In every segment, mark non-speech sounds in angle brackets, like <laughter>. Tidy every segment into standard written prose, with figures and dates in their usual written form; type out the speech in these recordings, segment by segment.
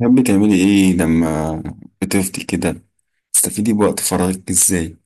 تحبي تعملي ايه لما بتفضي كده؟ تستفيدي بوقت فراغك ازاي؟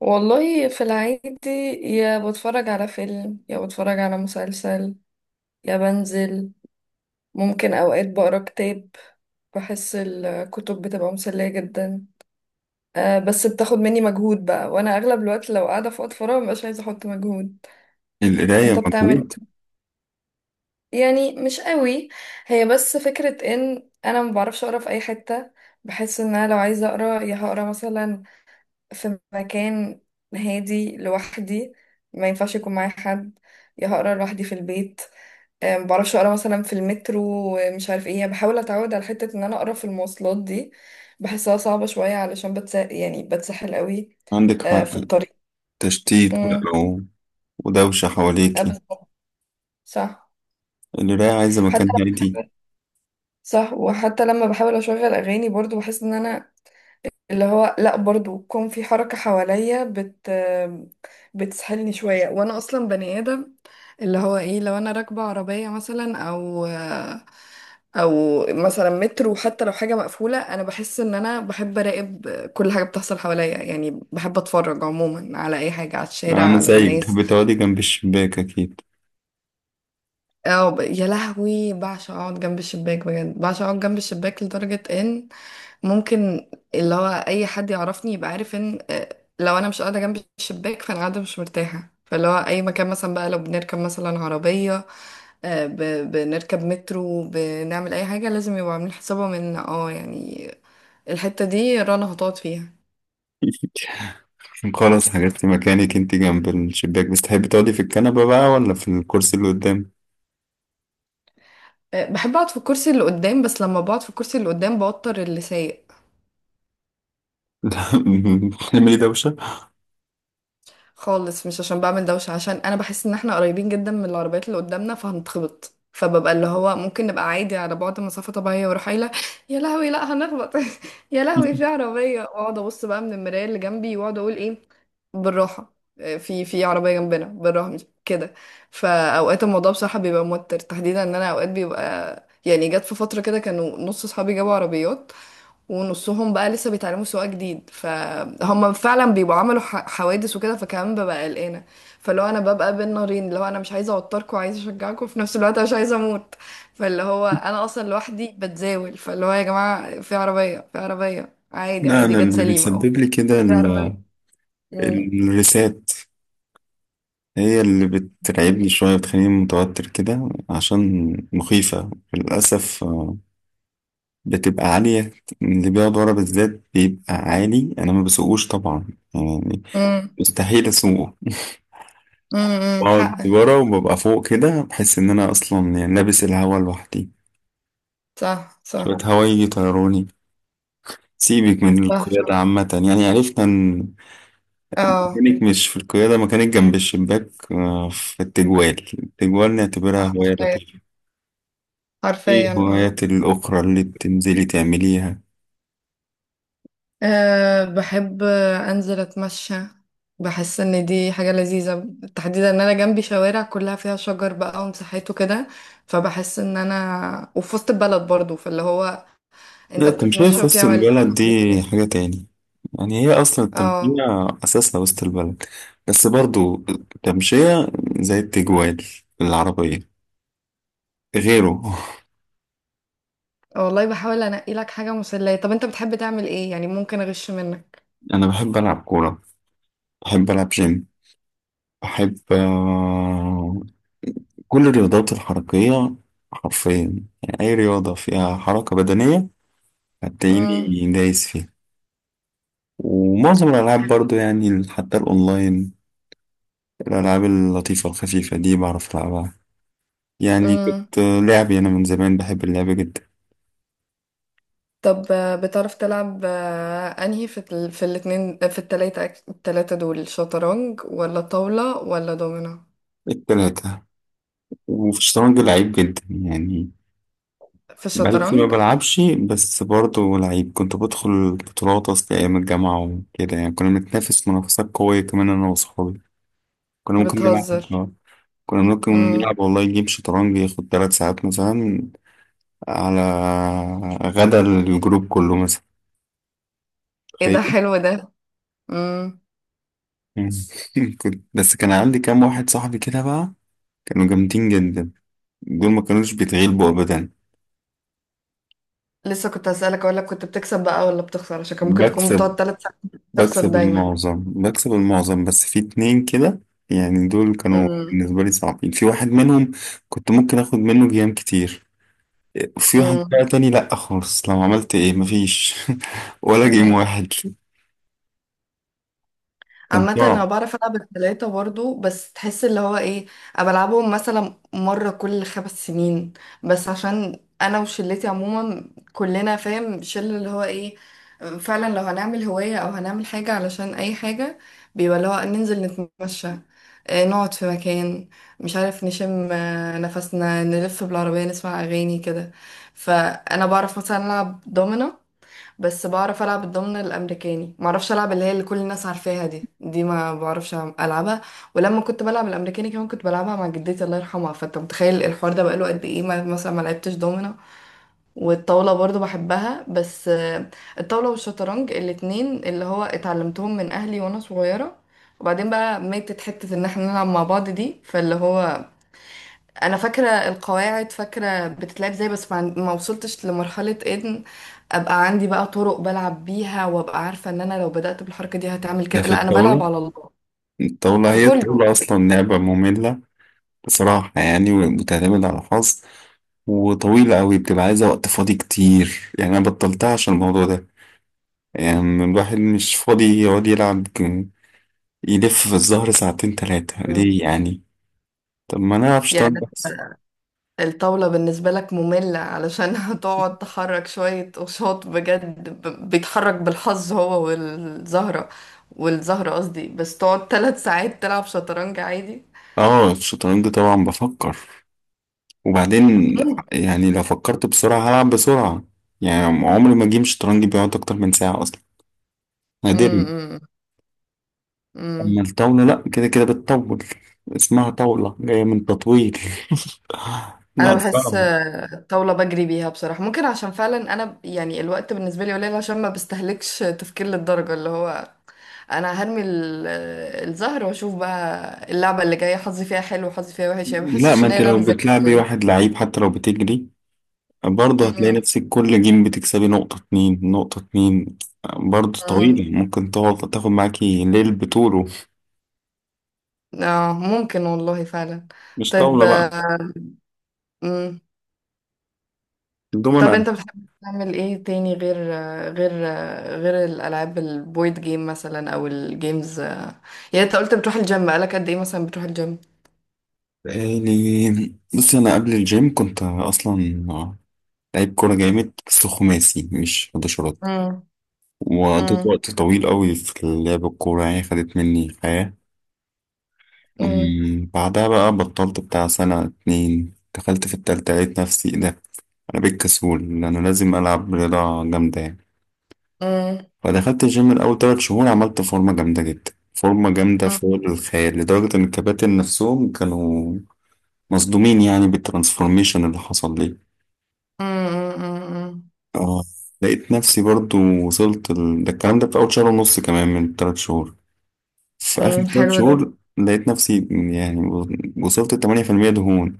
والله في العيد، يا بتفرج على فيلم يا بتفرج على مسلسل يا بنزل. ممكن أوقات بقرا كتاب، بحس الكتب بتبقى مسلية جدا. أه بس بتاخد مني مجهود بقى، وأنا أغلب الوقت لو قاعدة في وقت فراغ مبقاش عايزة أحط مجهود. أنت القراية بتعمل مجهود؟ إيه؟ يعني مش قوي، هي بس فكرة إن أنا ما بعرفش أقرا في أي حتة. بحس إن أنا لو عايزة أقرا يا هقرا مثلا في مكان هادي لوحدي، ما ينفعش يكون معايا حد، يا هقرا لوحدي في البيت. آه، ما بعرفش اقرا مثلا في المترو. آه، مش عارف ايه، يعني بحاول اتعود على حته ان انا اقرا في المواصلات دي. بحسها صعبه شويه علشان بتسحل قوي. عندك آه، حق. في الطريق. تشتيت امم بقى ودوشة حواليكي. بالظبط، صح. القراية عايزة حتى مكان هادي. لما صح، وحتى لما بحاول اشغل اغاني برضو بحس ان انا اللي هو لا برضو يكون في حركة حواليا، بتسهلني شوية. وانا اصلا بني ادم اللي هو ايه، لو انا راكبة عربية مثلا او مثلا مترو، حتى لو حاجة مقفولة انا بحس ان انا بحب اراقب كل حاجة بتحصل حواليا. يعني بحب اتفرج عموما على اي حاجة، على الشارع، انا على زيك الناس. بتحبي تقعدي جنب الشباك اكيد. اه، يا لهوي بعشق اقعد جنب الشباك، بجد بعشق اقعد جنب الشباك لدرجة ان ممكن اللي هو اي حد يعرفني يبقى عارف ان لو انا مش قاعدة جنب الشباك فانا قاعدة مش مرتاحة. فاللي هو اي مكان مثلا بقى، لو بنركب مثلا عربية، بنركب مترو، بنعمل اي حاجة، لازم يبقوا عاملين حسابهم ان اه يعني الحتة دي رنا هتقعد فيها. <laughs> خلاص، حجزتي مكانك انت جنب الشباك. بس تحبي تقعدي في الكنبة بقى ولا في الكرسي اللي قدام؟ آه، بحب اقعد في الكرسي اللي قدام، بس لما بقعد في الكرسي اللي قدام بوتر اللي سايق. <laughs> لا، تعملي دوشة. <laughs> خالص مش عشان بعمل دوشة، عشان انا بحس ان احنا قريبين جدا من العربيات اللي قدامنا فهنتخبط. فببقى اللي هو ممكن نبقى عادي على بعد مسافة طبيعية واروح قايلة يا لهوي لا هنخبط. <laughs> يا لهوي في عربية، واقعد ابص بقى من المراية اللي جنبي واقعد اقول ايه بالراحة. آه، في في عربية جنبنا، بالراحة مش كده. فاوقات الموضوع بصراحة بيبقى موتر، تحديدا ان انا اوقات بيبقى يعني، جت في فترة كده كانوا نص صحابي جابوا عربيات ونصهم بقى لسه بيتعلموا سواقة جديد، فهم فعلا بيبقوا عملوا حوادث وكده. فكمان ببقى قلقانة، فاللي هو انا ببقى بين نارين، اللي هو انا مش عايزة اوتركم وعايزة اشجعكم في نفس الوقت، أنا مش عايزة اموت. فاللي هو انا اصلا لوحدي بتزاول، فاللي هو يا جماعة في عربية، في عربية، عادي لا، عادي، انا جت اللي سليمة أهو. بيسبب لي كده في عربية. امم. الريسات. هي اللي بترعبني شوية، بتخليني متوتر كده. عشان مخيفة للأسف، بتبقى عالية. اللي بيقعد ورا بالذات بيبقى عالي. أنا ما بسوقوش طبعا، يعني امم. مستحيل أسوقه. بقعد حقك. ورا وببقى فوق كده، بحس إن أنا أصلا يعني لابس الهوا لوحدي، صح شوية صح. هوا يجي يطيروني. سيبك من صح القيادة صح. عامة، يعني عرفنا إن اه. مكانك مش في القيادة، مكانك جنب الشباك، في التجوال. التجوال نعتبرها صح، هواية حرفيا. لطيفة. ايه حرفيا اه. الهوايات الأخرى اللي بتنزلي تعمليها؟ أه بحب أنزل أتمشى، بحس إن دي حاجة لذيذة. تحديدا إن أنا جنبي شوارع كلها فيها شجر بقى ومساحات وكده، فبحس إن أنا وفي وسط البلد برضو، فاللي هو لا، أنت التمشية بتتمشى في وفيها وسط البلد دي حواليك. حاجة تاني. يعني هي أصلا اه، التمشية أساسها وسط البلد، بس برضو التمشية زي التجوال، العربية غيره. والله بحاول أنقي لك حاجة مسلية. طب أنت بتحب تعمل إيه يعني، ممكن أغش منك؟ <laughs> أنا بحب ألعب كورة، بحب ألعب جيم، بحب كل الرياضات الحركية. حرفيا يعني أي رياضة فيها حركة بدنية مم. هتلاقيني دايس فيها. ومعظم الألعاب برضو، يعني حتى الأونلاين، الألعاب اللطيفة الخفيفة دي بعرف ألعبها. يعني مم. كنت لعبي أنا من زمان، بحب اللعب جدا. طب آه، بتعرف تلعب آه، أنهي في ال... في الاتنين، في التلاتة، التلاتة دول، شطرنج ولا طاولة ولا دومينو؟ التلاتة. وفي الشطرنج لعيب جدا يعني، في بقالي كتير ما الشطرنج. بلعبش، بس برضه لعيب. كنت بدخل بطولات أصل أيام الجامعة وكده. يعني كنا بنتنافس منافسات قوية كمان أنا وصحابي. كنا ممكن نلعب بتهزر. آه. كنا ممكن امم. نلعب والله جيم شطرنج ياخد 3 ساعات مثلا، على غدا الجروب كله مثلا، ايه تخيل. ده <laughs> حلو ده. امم. مم. كنت بس كان عندي كام واحد صاحبي كده بقى، كانوا جامدين جدا، دول ما كانوش بيتغلبوا ابدا. لسه كنت هسألك اقول لك كنت بتكسب بقى ولا بتخسر، عشان كان ممكن تكون بكسب بتقعد 3 ساعات. تخسر بكسب دايما. المعظم بكسب المعظم بس في اتنين كده، يعني دول كانوا امم. بالنسبة لي صعبين. في واحد منهم كنت ممكن اخد منه جيام كتير، وفي واحد بقى تاني لأ خالص، لو عملت ايه مفيش. <laughs> ولا جيم امم. واحد، كان عامة انا صعب. بعرف العب التلاتة برضو، بس تحس اللي هو ايه، انا بلعبهم مثلا مرة كل 5 سنين. بس عشان انا وشلتي عموما، كلنا فاهم شله اللي هو ايه، فعلا لو هنعمل هواية او هنعمل حاجة علشان اي حاجة، بيبقى اللي هو ننزل نتمشى، آه، نقعد في مكان، مش عارف، نشم آه، نفسنا، نلف بالعربية نسمع اغاني كده. فانا بعرف مثلا العب دومينو، بس بعرف العب الضمن الامريكاني، معرفش العب اللي هي اللي كل الناس عارفاها دي، ما بعرفش العبها. ولما كنت بلعب الامريكاني كمان كنت بلعبها مع جدتي الله يرحمها، فانت متخيل الحوار ده بقاله قد ايه، ما مثلا ما لعبتش دومنا. والطاوله برضو بحبها بس آه، الطاوله والشطرنج الاتنين اللي هو اتعلمتهم من اهلي وانا صغيره، وبعدين بقى ماتت حته ان احنا نلعب مع بعض دي. فاللي هو انا فاكره القواعد، فاكره بتتلعب ازاي، بس ما وصلتش لمرحله ان ابقى عندي بقى طرق بلعب بيها وابقى عارفه ان انا لو بدات بالحركه دي هتعمل ده كده، في لا انا بلعب الطاولة. على الله. الطاولة، في هي كله. الطاولة أصلا لعبة مملة بصراحة يعني، وبتعتمد على الحظ، وطويلة أوي، بتبقى عايزة وقت فاضي كتير. يعني أنا بطلتها عشان الموضوع ده، يعني الواحد مش فاضي يقعد يلعب يلف في الزهر ساعتين تلاتة مم. ليه يعني؟ طب ما نلعب يعني شطرنج بس. الطاوله بالنسبه لك ممله علشان <laughs> هتقعد تحرك شويه قشاط بجد، بيتحرك بالحظ هو والزهره، والزهره قصدي، بس تقعد 3 ساعات تلعب شطرنج عادي. اه، الشطرنج طبعا بفكر وبعدين، ممكن. يعني لو فكرت بسرعة هلعب بسرعة. يعني عمري ما جيم شطرنج بيقعد أكتر من ساعة أصلا، نادرا. أما امم. الطاولة لأ، كده كده بتطول، اسمها طاولة جاية من تطويل. <laughs> انا لا، بحس صعبة. آه، الطاوله بجري بيها بصراحه، ممكن عشان فعلا انا يعني الوقت بالنسبه لي قليل، عشان ما بستهلكش تفكير للدرجه، اللي هو انا هرمي الزهر واشوف بقى اللعبه اللي جايه حظي فيها حلو وحظي فيها وحش. يعني ما لا، بحسش ما ان انت هي لعبه لو ذكاء بتلعبي قوي. واحد لعيب، حتى لو بتجري برضه هتلاقي أمم. نفسك كل جيم بتكسبي نقطة اتنين نقطة اتنين. برضه أمم. طويلة، ممكن تقعد تاخد معاكي ليل بطوله. اه ممكن والله فعلا. مش طيب طاولة بقى آه، أمم. طب الدومنة. انت بتحب تعمل ايه تاني، غير غير الالعاب البويد جيم مثلا او الجيمز آه، يعني انت قلت بتروح الجيم، بقالك قد ايه مثلا بتروح الجيم؟ بقالي، بصي، أنا قبل الجيم كنت أصلا لعيب كورة جامد، بس خماسي مش حداشرات. وقضيت امم. وقت طويل قوي في لعب الكورة، يعني خدت مني حياة. امم. بعدها بقى بطلت بتاع سنة اتنين، دخلت في التالتة لقيت نفسي إيه ده، أنا بقيت كسول لأنه لازم ألعب رياضة جامدة يعني. امم. فدخلت الجيم الأول 3 شهور، عملت فورمة جامدة جدا، فورمة جامدة فوق الخيال، لدرجة إن الكباتن نفسهم كانوا مصدومين يعني بالترانسفورميشن اللي حصل لي. امم. آه لقيت نفسي برضو وصلت ده الكلام ده في أول شهر ونص كمان من التلات شهور. في آخر تلات حلو ده. شهور لقيت نفسي يعني وصلت لتمانية في المية دهون.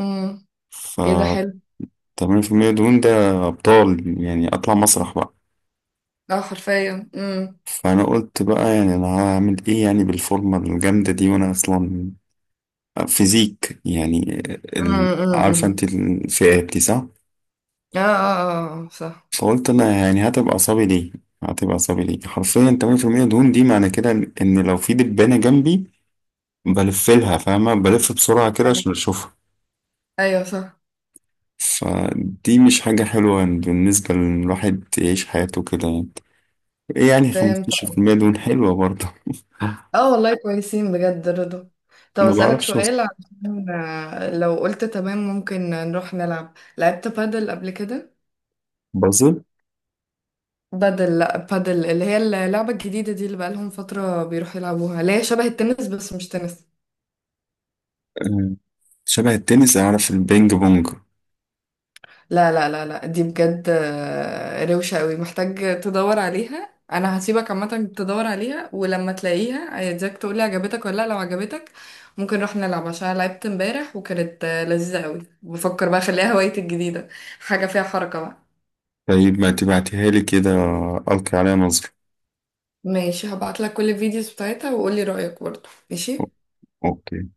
امم. ايه ده فالتمانية حلو. في المية دهون ده أبطال، يعني أطلع مسرح بقى. اه حرفيا. امم. فأنا قلت بقى يعني أنا هعمل إيه يعني بالفورمة الجامدة دي، وأنا أصلا فيزيك يعني، عارفة امم. انت الفئات دي صح؟ اه اه. اه آه، صح. فقلت انا يعني هتبقى اعصابي ليه؟ هتبقى اعصابي ليه؟ حرفيا 8% دهون، دي معنى كده إن لو في دبانة جنبي بلف لها، فاهمة؟ بلف بسرعة كده ايوه. عشان اشوفها. أيوة صح. فدي مش حاجة حلوة بالنسبة للواحد يعيش حياته كده يعني. ايه يعني فهمت. 15% دهون حلوة برضه. اه والله كويسين بجد رضا. <laughs> طب ما اسألك بعرفش أوصل. سؤال، عشان آه، لو قلت تمام ممكن نروح نلعب. لعبت بادل قبل كده؟ بازل؟ بادل، لا بادل اللي هي اللعبة الجديدة دي اللي بقالهم فترة بيروحوا يلعبوها، اللي هي شبه التنس بس مش تنس. آه، شبه التنس؟ اعرف البينج بونج. لا لا لا لا، دي بجد آه، روشة قوي، محتاج تدور عليها. انا هسيبك عامة تدور عليها، ولما تلاقيها عايزاك تقولي عجبتك ولا لا. لو عجبتك ممكن نروح نلعب، عشان أنا لعبت امبارح وكانت آه، لذيذة قوي، بفكر بقى اخليها <laughs> هوايتي الجديدة، حاجة فيها حركة بقى. طيب ما تبعتيها لي كده، القي عليها نظرة. ماشي هبعتلك كل الفيديوز بتاعتها وقولي رأيك برضه. ماشي. اوكي.